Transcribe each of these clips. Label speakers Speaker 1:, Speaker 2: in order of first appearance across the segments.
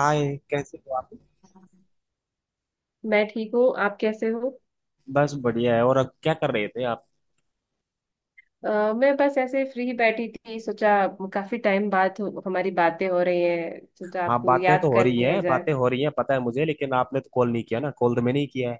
Speaker 1: हाँ, ये कैसे हो आप।
Speaker 2: मैं ठीक हूँ। आप कैसे हो?
Speaker 1: बस बढ़िया है। और अब क्या कर रहे थे आप?
Speaker 2: मैं बस ऐसे फ्री बैठी थी, सोचा काफी टाइम बाद हमारी बातें हो रही हैं, सोचा
Speaker 1: हाँ,
Speaker 2: आपको
Speaker 1: बातें तो
Speaker 2: याद
Speaker 1: हो
Speaker 2: कर
Speaker 1: रही
Speaker 2: लिया
Speaker 1: है,
Speaker 2: जाए।
Speaker 1: बातें हो रही है, पता है मुझे, लेकिन आपने तो कॉल नहीं किया ना, कॉल तो मैंने ही किया है।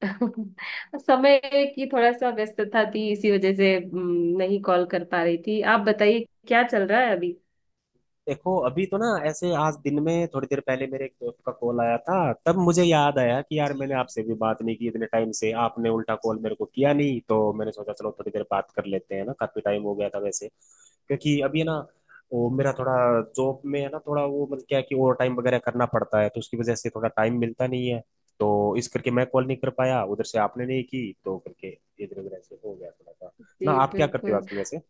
Speaker 2: समय की थोड़ा सा व्यस्तता थी, इसी वजह से नहीं कॉल कर पा रही थी। आप बताइए क्या चल रहा है अभी?
Speaker 1: देखो, अभी तो ना, ऐसे आज दिन में थोड़ी देर पहले मेरे एक दोस्त का कॉल आया था। तब मुझे याद आया कि यार मैंने आपसे भी बात नहीं की इतने टाइम से, आपने उल्टा कॉल मेरे को किया नहीं, तो मैंने सोचा चलो थोड़ी देर बात कर लेते हैं ना, काफी टाइम हो गया था वैसे, क्योंकि अभी है ना, वो मेरा थोड़ा जॉब में है ना, थोड़ा वो मतलब क्या है कि ओवर टाइम वगैरह करना पड़ता है, तो उसकी वजह से थोड़ा टाइम मिलता नहीं है। तो इस करके मैं कॉल नहीं कर पाया, उधर से आपने नहीं की तो करके इधर उधर ऐसे हो गया थोड़ा सा। ना
Speaker 2: जी
Speaker 1: आप क्या करते हो
Speaker 2: बिल्कुल।
Speaker 1: आजकल वैसे?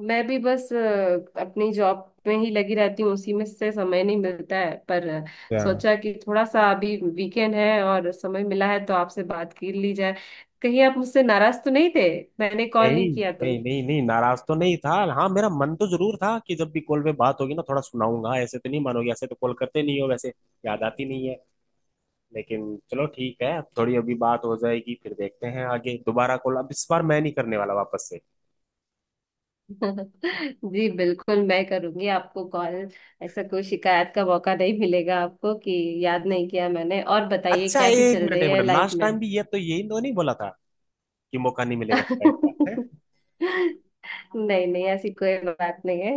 Speaker 2: मैं भी बस अपनी जॉब में ही लगी रहती हूँ, उसी में से समय नहीं मिलता है। पर सोचा कि थोड़ा सा अभी वीकेंड है और समय मिला है तो आपसे बात कर ली जाए। कहीं आप मुझसे नाराज तो नहीं थे, मैंने कॉल
Speaker 1: नहीं
Speaker 2: नहीं किया तो?
Speaker 1: नहीं नहीं नहीं, नाराज तो नहीं था। हाँ, मेरा मन तो जरूर था कि जब भी कॉल पे बात होगी ना, थोड़ा सुनाऊंगा। ऐसे तो नहीं मानोगे, ऐसे तो कॉल करते नहीं हो वैसे, याद आती नहीं है। लेकिन चलो ठीक है, अब थोड़ी अभी बात हो जाएगी, फिर देखते हैं आगे दोबारा कॉल। अब इस बार मैं नहीं करने वाला वापस से।
Speaker 2: जी बिल्कुल, मैं करूंगी आपको कॉल। ऐसा कोई शिकायत का मौका नहीं मिलेगा आपको कि याद नहीं किया मैंने। और बताइए,
Speaker 1: अच्छा,
Speaker 2: कैसी
Speaker 1: एक
Speaker 2: चल
Speaker 1: मिनट
Speaker 2: रही
Speaker 1: एक
Speaker 2: है
Speaker 1: मिनट,
Speaker 2: लाइफ
Speaker 1: लास्ट
Speaker 2: में?
Speaker 1: टाइम भी ये तो यही तो नहीं बोला था कि मौका नहीं मिलेगा शिकायत का, है?
Speaker 2: नहीं नहीं, ऐसी कोई बात नहीं है।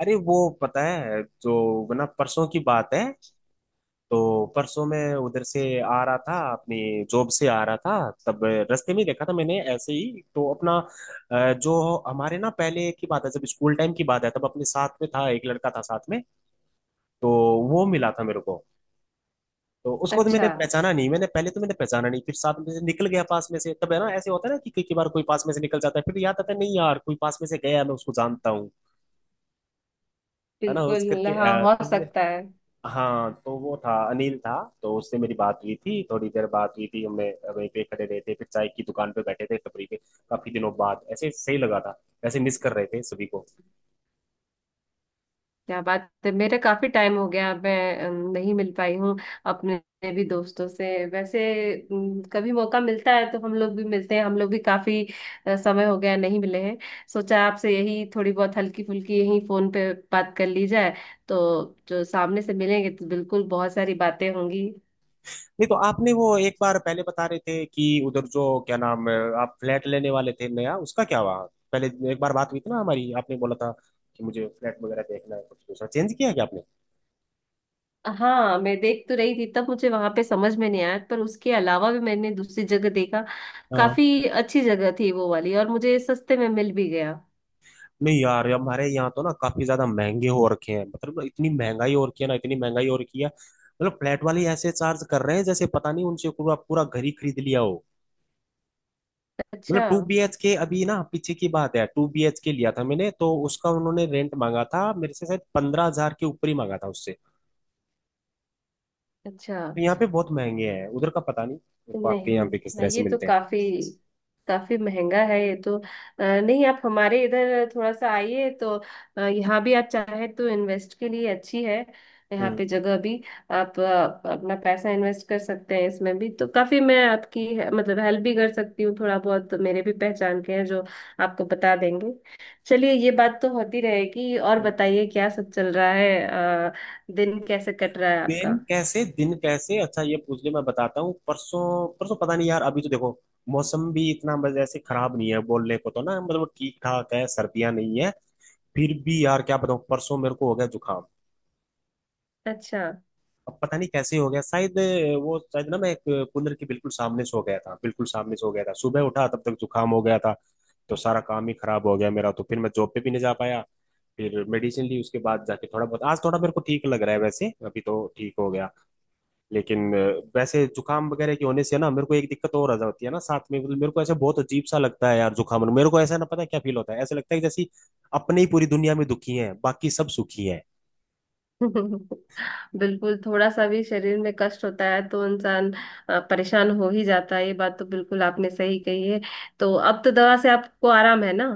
Speaker 1: अरे वो, पता है, जो ना परसों की बात है, तो परसों मैं उधर से आ रहा था, अपनी जॉब से आ रहा था। तब रास्ते में ही देखा था मैंने ऐसे ही, तो अपना जो हमारे ना पहले की बात है, जब स्कूल टाइम की बात है, तब अपने साथ में था, एक लड़का था साथ में। तो वो मिला था मेरे को। तो उसको तो
Speaker 2: अच्छा,
Speaker 1: मैंने पहचाना नहीं, मैंने पहले तो मैंने पहचाना नहीं, फिर साथ में से निकल गया पास में से। तब है ना, ऐसे होता है ना कि कई कई बार कोई पास में से निकल जाता है, फिर याद आता है, नहीं यार कोई पास में से गया, मैं उसको जानता हूँ। है ना, उस
Speaker 2: बिल्कुल।
Speaker 1: करके
Speaker 2: हाँ, हो
Speaker 1: तब
Speaker 2: सकता है।
Speaker 1: हाँ, तो वो था, अनिल था। तो उससे मेरी बात हुई थी, थोड़ी देर बात हुई थी हमने, वहीं पे खड़े रहे थे, फिर चाय की दुकान पे बैठे थे, टपरी पे। काफी दिनों बाद ऐसे सही लगा था, ऐसे मिस कर रहे थे सभी को।
Speaker 2: क्या बात है, मेरे काफी टाइम हो गया मैं नहीं मिल पाई हूँ अपने भी दोस्तों से वैसे। कभी मौका मिलता है तो हम लोग भी मिलते हैं, हम लोग भी काफी समय हो गया नहीं मिले हैं। सोचा आपसे यही थोड़ी बहुत हल्की फुल्की यही फोन पे बात कर ली जाए, तो जो सामने से मिलेंगे तो बिल्कुल बहुत सारी बातें होंगी।
Speaker 1: नहीं तो आपने वो एक बार पहले बता रहे थे कि उधर जो क्या नाम है, आप फ्लैट लेने वाले थे नया, उसका क्या हुआ? पहले एक बार बात हुई थी ना हमारी, आपने बोला था कि मुझे फ्लैट वगैरह देखना है, कुछ दूसरा चेंज किया क्या
Speaker 2: हाँ, मैं देख तो रही थी, तब मुझे वहां पे समझ में नहीं आया, पर उसके अलावा भी मैंने दूसरी जगह देखा।
Speaker 1: आपने?
Speaker 2: काफी अच्छी जगह थी वो वाली, और मुझे सस्ते में मिल भी गया।
Speaker 1: नहीं यार, हमारे यहाँ तो ना काफी ज्यादा महंगे हो रखे हैं, मतलब इतनी महंगाई हो रखी है ना, इतनी महंगाई हो रखी है, मतलब फ्लैट वाले ऐसे चार्ज कर रहे हैं जैसे पता नहीं उनसे पूरा पूरा घर ही खरीद लिया हो। मतलब
Speaker 2: अच्छा।
Speaker 1: 2 BHK, अभी ना पीछे की बात है, 2 BHK लिया था मैंने, तो उसका उन्होंने रेंट मांगा था मेरे से, शायद 15,000 के ऊपर ही मांगा था उससे।
Speaker 2: अच्छा।
Speaker 1: तो यहाँ पे बहुत महंगे हैं, उधर का पता नहीं मेरे को, आपके यहाँ
Speaker 2: नहीं,
Speaker 1: पे किस
Speaker 2: हाँ,
Speaker 1: तरह से
Speaker 2: ये तो
Speaker 1: मिलते हैं?
Speaker 2: काफी काफी महंगा है ये तो। नहीं, आप हमारे इधर थोड़ा सा आइए तो। यहाँ भी आप चाहे तो इन्वेस्ट के लिए अच्छी है यहाँ पे जगह भी। आप अपना पैसा इन्वेस्ट कर सकते हैं इसमें भी, तो काफी मैं आपकी मतलब हेल्प भी कर सकती हूँ। थोड़ा बहुत तो मेरे भी पहचान के हैं जो आपको बता देंगे। चलिए, ये बात तो होती रहेगी। और
Speaker 1: हम्म।
Speaker 2: बताइए क्या सब चल रहा है? अ, दिन कैसे कट रहा है आपका?
Speaker 1: दिन कैसे, दिन कैसे, अच्छा ये पूछ ले, मैं बताता हूँ। परसों परसों, पता नहीं यार, अभी तो देखो मौसम भी इतना बस ऐसे खराब नहीं है बोलने को तो ना, मतलब ठीक ठाक है, सर्दियां नहीं है। फिर भी यार क्या बताऊँ, परसों मेरे को हो गया जुकाम।
Speaker 2: अच्छा।
Speaker 1: अब पता नहीं कैसे हो गया, शायद वो, शायद ना मैं एक कूलर के बिल्कुल सामने सो गया था, बिल्कुल सामने सो गया था, सुबह उठा तब तक जुकाम हो गया था। तो सारा काम ही खराब हो गया मेरा, तो फिर मैं जॉब पे भी नहीं जा पाया। फिर मेडिसिन ली, उसके बाद जाके थोड़ा बहुत आज थोड़ा मेरे को ठीक लग रहा है वैसे, अभी तो ठीक हो गया। लेकिन वैसे जुकाम वगैरह के होने से ना मेरे को एक दिक्कत और आ जाती है ना साथ में, मतलब मेरे को ऐसा बहुत अजीब सा लगता है यार जुकाम, मेरे को ऐसा ना पता क्या फील होता है, ऐसा लगता है कि जैसे अपने ही पूरी दुनिया में दुखी हैं, बाकी सब सुखी हैं।
Speaker 2: बिल्कुल, थोड़ा सा भी शरीर में कष्ट होता है तो इंसान परेशान हो ही जाता है। ये बात तो बिल्कुल आपने सही कही है। तो अब तो दवा से आपको आराम है ना?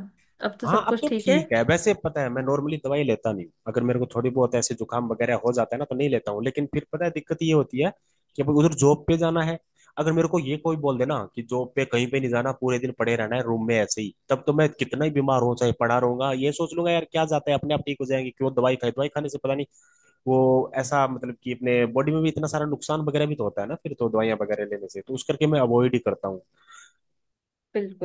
Speaker 2: अब तो
Speaker 1: हाँ,
Speaker 2: सब
Speaker 1: अब
Speaker 2: कुछ
Speaker 1: तो
Speaker 2: ठीक है।
Speaker 1: ठीक है। वैसे पता है, मैं नॉर्मली दवाई लेता नहीं हूँ, अगर मेरे को थोड़ी बहुत ऐसे जुकाम वगैरह हो जाता है ना तो नहीं लेता हूँ। लेकिन फिर पता है, दिक्कत ये होती है कि अब उधर जॉब पे जाना है। अगर मेरे को ये कोई बोल दे ना कि जॉब पे कहीं पे नहीं जाना, पूरे दिन पड़े रहना है रूम में ऐसे ही, तब तो मैं कितना ही बीमार हो चाहे पड़ा रहूंगा, ये सोच लूंगा यार क्या जाता है, अपने आप ठीक हो जाएंगे, क्यों दवाई खाई, दवाई खाने से पता नहीं वो ऐसा, मतलब कि अपने बॉडी में भी इतना सारा नुकसान वगैरह भी तो होता है ना, फिर तो दवाइयाँ वगैरह लेने से तो, उस करके मैं अवॉइड ही करता हूँ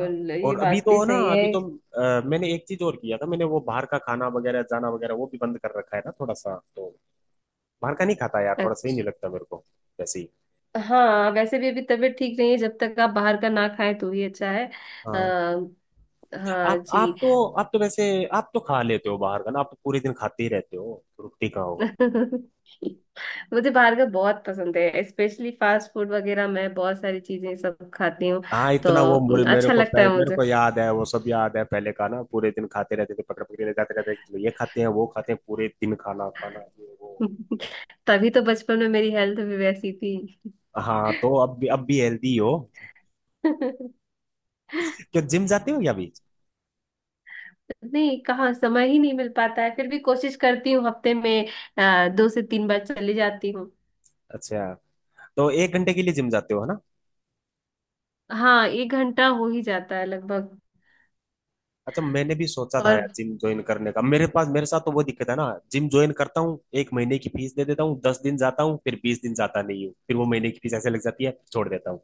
Speaker 1: ना।
Speaker 2: ये
Speaker 1: और अभी
Speaker 2: बात
Speaker 1: तो
Speaker 2: भी
Speaker 1: ना,
Speaker 2: सही है।
Speaker 1: अभी तो मैंने एक चीज और किया था, मैंने वो बाहर का खाना वगैरह जाना वगैरह वो भी बंद कर रखा है ना थोड़ा सा, तो बाहर का नहीं खाता यार, थोड़ा सही
Speaker 2: अच्छा।
Speaker 1: नहीं लगता मेरे को वैसे ही।
Speaker 2: हाँ, वैसे भी अभी तबीयत ठीक नहीं है, जब तक आप बाहर का ना खाएं तो ही अच्छा है।
Speaker 1: हाँ,
Speaker 2: आ, हाँ जी।
Speaker 1: आप तो, आप तो वैसे, आप तो खा लेते हो बाहर का ना, आप तो पूरे दिन खाते ही रहते हो रुकती का हो।
Speaker 2: मुझे बाहर का बहुत पसंद है, स्पेशली फास्ट फूड वगैरह, मैं बहुत सारी चीजें सब खाती हूँ,
Speaker 1: हाँ
Speaker 2: तो
Speaker 1: इतना, वो मुरे, मेरे
Speaker 2: अच्छा
Speaker 1: को
Speaker 2: लगता है
Speaker 1: मेरे
Speaker 2: मुझे।
Speaker 1: को याद है, वो सब याद है पहले का ना, पूरे दिन खाते रहते थे, पकड़ पकड़ के ले जाते रहते थे, ये खाते हैं वो खाते हैं, पूरे दिन खाना खाना ये वो।
Speaker 2: तभी तो बचपन में मेरी हेल्थ भी वैसी थी।
Speaker 1: हाँ, तो अब भी हेल्दी हो, क्या जिम जाते हो या अभी?
Speaker 2: नहीं, कहाँ समय ही नहीं मिल पाता है, फिर भी कोशिश करती हूँ हफ्ते में 2 से 3 बार चली जाती हूँ।
Speaker 1: अच्छा, तो 1 घंटे के लिए जिम जाते हो है ना?
Speaker 2: हाँ, 1 घंटा हो ही जाता है लगभग।
Speaker 1: अच्छा, मैंने भी सोचा था
Speaker 2: और
Speaker 1: यार जिम ज्वाइन करने का, मेरे पास मेरे साथ तो वो दिक्कत है ना, जिम ज्वाइन करता हूँ, 1 महीने की फीस दे देता हूँ, 10 दिन जाता हूँ, फिर 20 दिन जाता नहीं हूँ, फिर वो महीने की फीस ऐसे लग जाती है, छोड़ देता हूँ।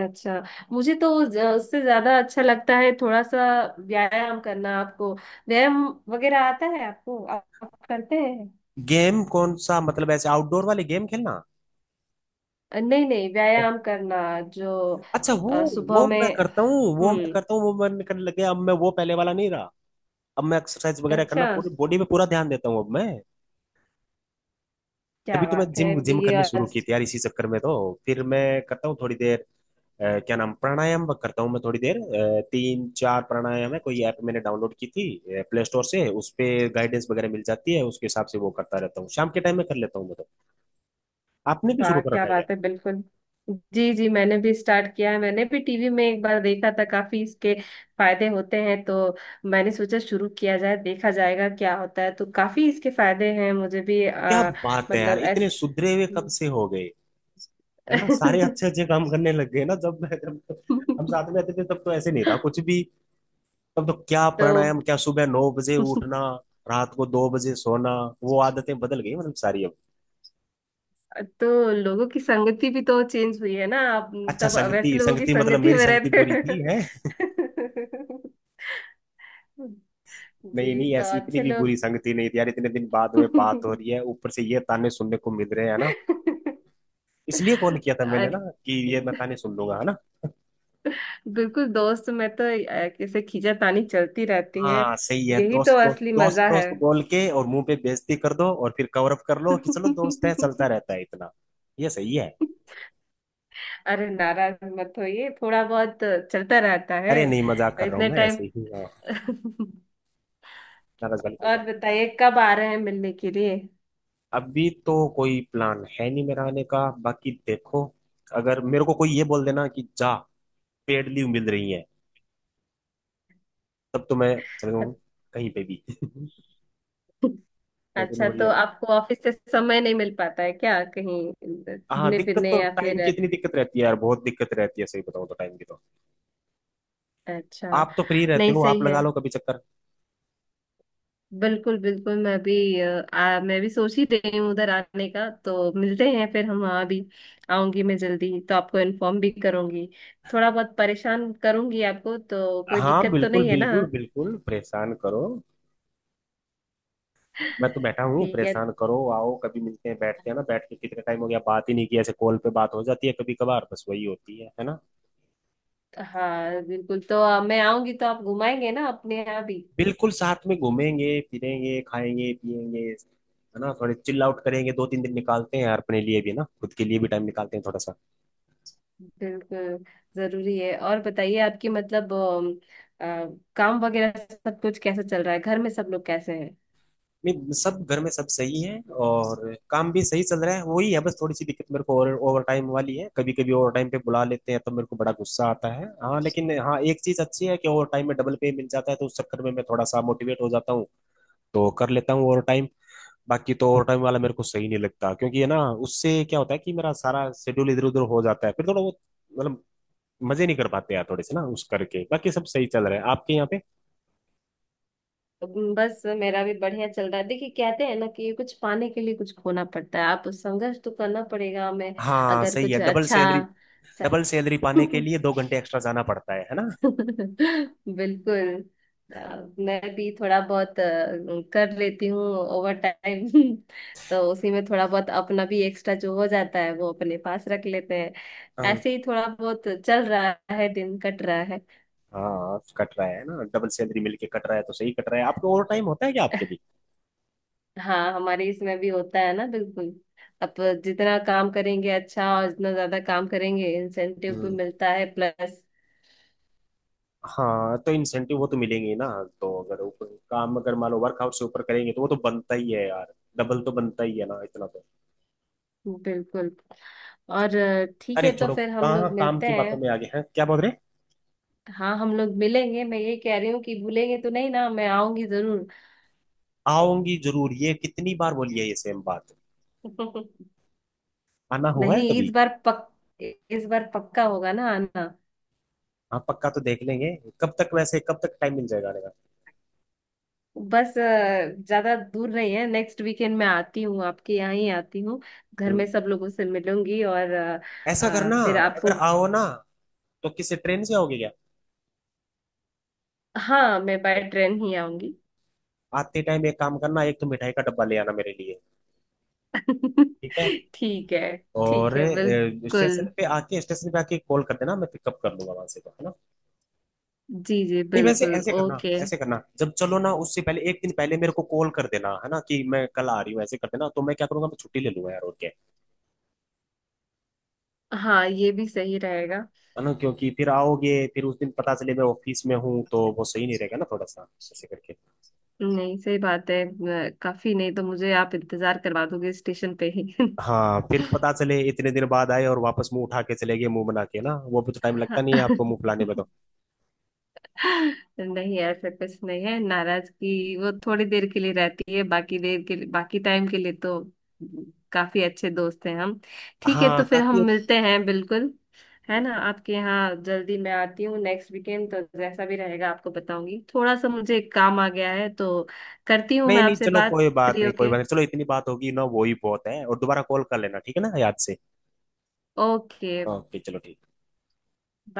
Speaker 2: अच्छा, मुझे तो उससे ज्यादा अच्छा लगता है थोड़ा सा व्यायाम करना। आपको व्यायाम वगैरह आता है? आपको, आप करते हैं?
Speaker 1: गेम कौन सा, मतलब ऐसे आउटडोर वाले गेम खेलना?
Speaker 2: नहीं नहीं, व्यायाम करना, जो
Speaker 1: अच्छा वो
Speaker 2: सुबह
Speaker 1: वो
Speaker 2: में।
Speaker 1: मैं करता हूँ, वो मैं
Speaker 2: हम्म।
Speaker 1: करता हूँ, वो मैं करने लग गया, अब मैं वो पहले वाला नहीं रहा। अब मैं एक्सरसाइज वगैरह करना,
Speaker 2: अच्छा,
Speaker 1: पूरी बॉडी पे पूरा ध्यान देता हूँ अब मैं।
Speaker 2: क्या
Speaker 1: तभी तो मैं
Speaker 2: बात है
Speaker 1: जिम जिम
Speaker 2: बीए
Speaker 1: करनी शुरू
Speaker 2: आज।
Speaker 1: की थी यार, इसी चक्कर में। तो फिर मैं करता हूँ थोड़ी देर क्या नाम, प्राणायाम करता हूँ मैं थोड़ी देर। तीन चार प्राणायाम है, कोई ऐप मैंने डाउनलोड की थी प्ले स्टोर से, उस पे गाइडेंस वगैरह मिल जाती है, उसके हिसाब से वो करता रहता हूँ, शाम के टाइम में कर लेता हूँ मैं तो। आपने भी शुरू
Speaker 2: वाह
Speaker 1: कर
Speaker 2: क्या
Speaker 1: रखा है क्या?
Speaker 2: बात है, बिल्कुल। जी जी, मैंने भी स्टार्ट किया है। मैंने भी टीवी में एक बार देखा था, काफी इसके फायदे होते हैं, तो मैंने सोचा शुरू किया जाए, देखा जाएगा क्या होता है। तो काफी इसके फायदे हैं मुझे भी।
Speaker 1: क्या बात है यार,
Speaker 2: मतलब
Speaker 1: इतने
Speaker 2: ऐस
Speaker 1: सुधरे हुए कब से हो गए? है ना, सारे अच्छे अच्छे काम करने लग गए ना। जब मैं जब तो हम साथ में रहते थे, तब तो ऐसे नहीं था कुछ भी। तब तो क्या
Speaker 2: तो
Speaker 1: प्राणायाम, क्या सुबह 9 बजे उठना, रात को 2 बजे सोना, वो आदतें बदल गई मतलब सारी अब।
Speaker 2: तो लोगों की संगति भी तो चेंज हुई है ना आप?
Speaker 1: अच्छा,
Speaker 2: तब वैसे
Speaker 1: संगति
Speaker 2: लोगों की
Speaker 1: संगति मतलब
Speaker 2: संगति
Speaker 1: मेरी
Speaker 2: में
Speaker 1: संगति बुरी थी,
Speaker 2: रहते
Speaker 1: है?
Speaker 2: हैं।
Speaker 1: नहीं
Speaker 2: जी,
Speaker 1: नहीं,
Speaker 2: तो
Speaker 1: ऐसी इतनी
Speaker 2: अच्छे
Speaker 1: भी
Speaker 2: लोग।
Speaker 1: बुरी संगति नहीं थी यार, इतने दिन बाद में बात हो रही है, ऊपर से ये ताने सुनने को मिल रहे हैं ना। इसलिए कॉल किया था मैंने ना,
Speaker 2: आज-
Speaker 1: कि ये मैं ताने सुन लूंगा, है ना।
Speaker 2: बिल्कुल, दोस्त में तो ऐसे खींचातानी चलती रहती है।
Speaker 1: हाँ सही है,
Speaker 2: यही तो
Speaker 1: दोस्त दोस्त
Speaker 2: असली
Speaker 1: दोस्त
Speaker 2: मजा है।
Speaker 1: दोस्त बोल के और मुंह पे बेइज्जती कर दो, और फिर कवर अप कर लो कि चलो दोस्त है, चलता रहता है इतना। ये सही है।
Speaker 2: अरे, नाराज मत होइए, थोड़ा बहुत चलता रहता है
Speaker 1: अरे नहीं, मजाक कर रहा हूँ
Speaker 2: इतने
Speaker 1: मैं
Speaker 2: टाइम।
Speaker 1: ऐसे ही, हाँ, नाराज वाली कोई
Speaker 2: और
Speaker 1: बात।
Speaker 2: बताइए कब आ रहे हैं मिलने के लिए?
Speaker 1: अभी तो कोई प्लान है नहीं मेरा आने का, बाकी देखो, अगर मेरे को कोई ये बोल देना कि जा, पेड लीव मिल रही है, तब तो मैं चलूँ कहीं पे भी। लेकिन
Speaker 2: अच्छा,
Speaker 1: वही
Speaker 2: तो
Speaker 1: है,
Speaker 2: आपको ऑफिस से समय नहीं मिल पाता है क्या, कहीं
Speaker 1: हाँ,
Speaker 2: घूमने
Speaker 1: दिक्कत
Speaker 2: फिरने
Speaker 1: तो
Speaker 2: या
Speaker 1: टाइम
Speaker 2: फिर?
Speaker 1: की, इतनी दिक्कत रहती है यार, बहुत दिक्कत रहती है, सही बताऊँ तो टाइम की तो।
Speaker 2: अच्छा,
Speaker 1: आप तो फ्री रहते
Speaker 2: नहीं,
Speaker 1: हो, आप
Speaker 2: सही है,
Speaker 1: लगा लो कभी चक्कर।
Speaker 2: बिल्कुल बिल्कुल। मैं भी मैं भी सोच ही रही हूँ उधर आने का, तो मिलते हैं फिर हम वहाँ भी। आऊंगी मैं जल्दी, तो आपको इन्फॉर्म भी करूंगी। थोड़ा बहुत परेशान करूंगी आपको, तो कोई
Speaker 1: हाँ
Speaker 2: दिक्कत तो
Speaker 1: बिल्कुल
Speaker 2: नहीं है ना?
Speaker 1: बिल्कुल बिल्कुल, परेशान करो, मैं तो बैठा हूँ,
Speaker 2: ठीक है।
Speaker 1: परेशान करो, आओ कभी, मिलते हैं बैठते हैं ना, बैठ के कितने टाइम हो गया बात ही नहीं की, ऐसे कॉल पे बात हो जाती है कभी कभार बस, वही होती है ना।
Speaker 2: हाँ बिल्कुल, तो मैं आऊंगी तो आप घुमाएंगे ना अपने यहाँ भी?
Speaker 1: बिल्कुल, साथ में घूमेंगे फिरेंगे खाएंगे पिएंगे, है ना, थोड़े चिल आउट करेंगे, 2 3 दिन निकालते हैं यार अपने लिए भी ना, खुद के लिए भी टाइम निकालते हैं थोड़ा सा।
Speaker 2: बिल्कुल जरूरी है। और बताइए आपकी मतलब अ, काम वगैरह सब कुछ कैसा चल रहा है? घर में सब लोग कैसे?
Speaker 1: नहीं सब, घर में सब सही है, और काम भी सही चल रहा है, वही है बस थोड़ी सी दिक्कत मेरे को ओवर ओवर टाइम वाली है, कभी कभी ओवर टाइम पे बुला लेते हैं तो मेरे को बड़ा गुस्सा आता है। हाँ लेकिन, हाँ एक चीज अच्छी है, कि ओवर टाइम में डबल पे मिल जाता है, तो उस चक्कर में मैं थोड़ा सा मोटिवेट हो जाता हूँ, तो कर लेता हूँ ओवर टाइम। बाकी तो ओवर टाइम वाला मेरे को सही नहीं लगता, क्योंकि है ना, उससे क्या होता है कि मेरा सारा शेड्यूल इधर उधर हो जाता है, फिर थोड़ा वो, मतलब मजे नहीं कर पाते यार थोड़े से ना, उस करके। बाकी सब सही चल रहा है आपके यहाँ पे?
Speaker 2: बस मेरा भी बढ़िया चल रहा है। देखिए, कहते हैं ना कि कुछ पाने के लिए कुछ खोना पड़ता है, आप संघर्ष तो करना पड़ेगा हमें
Speaker 1: हाँ
Speaker 2: अगर
Speaker 1: सही है,
Speaker 2: कुछ
Speaker 1: डबल
Speaker 2: अच्छा
Speaker 1: सैलरी।
Speaker 2: सा।
Speaker 1: डबल सैलरी पाने के लिए 2 घंटे एक्स्ट्रा जाना पड़ता है ना।
Speaker 2: बिल्कुल। अ, मैं भी थोड़ा बहुत कर लेती हूँ ओवर टाइम। तो उसी में थोड़ा बहुत अपना भी एक्स्ट्रा जो हो जाता है वो अपने पास रख लेते हैं।
Speaker 1: हाँ।
Speaker 2: ऐसे ही थोड़ा बहुत चल रहा है, दिन कट रहा है।
Speaker 1: हाँ कट रहा है ना, डबल सैलरी मिलके कट रहा है तो सही कट रहा है। आपके ओवर टाइम होता है क्या आपके भी?
Speaker 2: हाँ, हमारे इसमें भी होता है ना, बिल्कुल। अब जितना काम करेंगे अच्छा, और जितना ज्यादा काम करेंगे इंसेंटिव भी
Speaker 1: हम्म।
Speaker 2: मिलता है प्लस।
Speaker 1: हाँ, तो इंसेंटिव वो तो मिलेंगे ही ना, तो अगर ऊपर काम, अगर मान लो वर्क आउट से ऊपर करेंगे तो वो तो बनता ही है यार, डबल तो बनता ही है ना इतना तो।
Speaker 2: बिल्कुल। और ठीक
Speaker 1: अरे
Speaker 2: है, तो
Speaker 1: छोड़ो,
Speaker 2: फिर हम
Speaker 1: कहाँ
Speaker 2: लोग
Speaker 1: काम
Speaker 2: मिलते
Speaker 1: की बातों
Speaker 2: हैं।
Speaker 1: में आ गए हैं क्या बोल रहे।
Speaker 2: हाँ, हम लोग मिलेंगे। मैं ये कह रही हूँ कि भूलेंगे तो नहीं ना, मैं आऊंगी जरूर।
Speaker 1: आऊंगी जरूर, ये कितनी बार बोली है ये सेम बात, आना हुआ है
Speaker 2: नहीं,
Speaker 1: कभी?
Speaker 2: इस बार पक्का होगा ना आना।
Speaker 1: हाँ पक्का तो देख लेंगे, कब तक वैसे कब तक टाइम मिल जाएगा आने का?
Speaker 2: बस ज्यादा दूर नहीं है, नेक्स्ट वीकेंड मैं आती हूँ, आपके यहाँ ही आती हूँ। घर
Speaker 1: हम्म,
Speaker 2: में सब लोगों से मिलूंगी। और
Speaker 1: ऐसा करना,
Speaker 2: फिर
Speaker 1: अगर
Speaker 2: आपको,
Speaker 1: आओ ना तो किसी ट्रेन से होगी क्या?
Speaker 2: हाँ, मैं बाय ट्रेन ही आऊंगी।
Speaker 1: आते टाइम एक काम करना, एक तो मिठाई का डब्बा ले आना मेरे लिए। ठीक है,
Speaker 2: ठीक है।
Speaker 1: और
Speaker 2: ठीक है बिल्कुल।
Speaker 1: स्टेशन पे आके, स्टेशन पे आके कॉल कर देना, मैं पिकअप कर लूंगा वहां से तो, है ना।
Speaker 2: जी जी
Speaker 1: नहीं वैसे
Speaker 2: बिल्कुल,
Speaker 1: ऐसे करना,
Speaker 2: ओके।
Speaker 1: ऐसे करना जब चलो ना, उससे पहले एक दिन पहले मेरे को कॉल कर देना, है ना, कि मैं कल आ रही हूँ, ऐसे कर देना, तो मैं क्या करूंगा, मैं छुट्टी ले लूंगा यार, ओके?
Speaker 2: हाँ, ये भी सही रहेगा।
Speaker 1: है ना, क्योंकि फिर आओगे फिर उस दिन पता चले मैं ऑफिस में हूँ, तो वो सही नहीं रहेगा ना थोड़ा सा, ऐसे करके।
Speaker 2: नहीं, सही बात है। काफी नहीं तो मुझे आप इंतजार करवा दोगे स्टेशन पे ही।
Speaker 1: हाँ फिर पता चले इतने दिन बाद आए और वापस मुंह उठा के चले गए, मुंह बना के ना, वो भी तो टाइम लगता नहीं है आपको मुंह फुलाने में तो।
Speaker 2: नहीं, ऐसा कुछ नहीं है। नाराजगी वो थोड़ी देर के लिए रहती है, बाकी देर के लिए, बाकी टाइम के लिए तो काफी अच्छे दोस्त हैं हम। ठीक है,
Speaker 1: हाँ
Speaker 2: तो फिर हम
Speaker 1: काफी।
Speaker 2: मिलते हैं बिल्कुल, है ना? आपके यहाँ जल्दी मैं आती हूँ नेक्स्ट वीकेंड, तो जैसा भी रहेगा आपको बताऊंगी। थोड़ा सा मुझे एक काम आ गया है, तो करती हूँ
Speaker 1: नहीं
Speaker 2: मैं
Speaker 1: नहीं
Speaker 2: आपसे
Speaker 1: चलो,
Speaker 2: बात
Speaker 1: कोई
Speaker 2: फ्री
Speaker 1: बात नहीं, कोई
Speaker 2: होके।
Speaker 1: बात नहीं, चलो इतनी बात होगी ना वो ही बहुत है, और दोबारा कॉल कर लेना ठीक है ना याद से।
Speaker 2: ओके।
Speaker 1: ओके, चलो ठीक।
Speaker 2: बाय।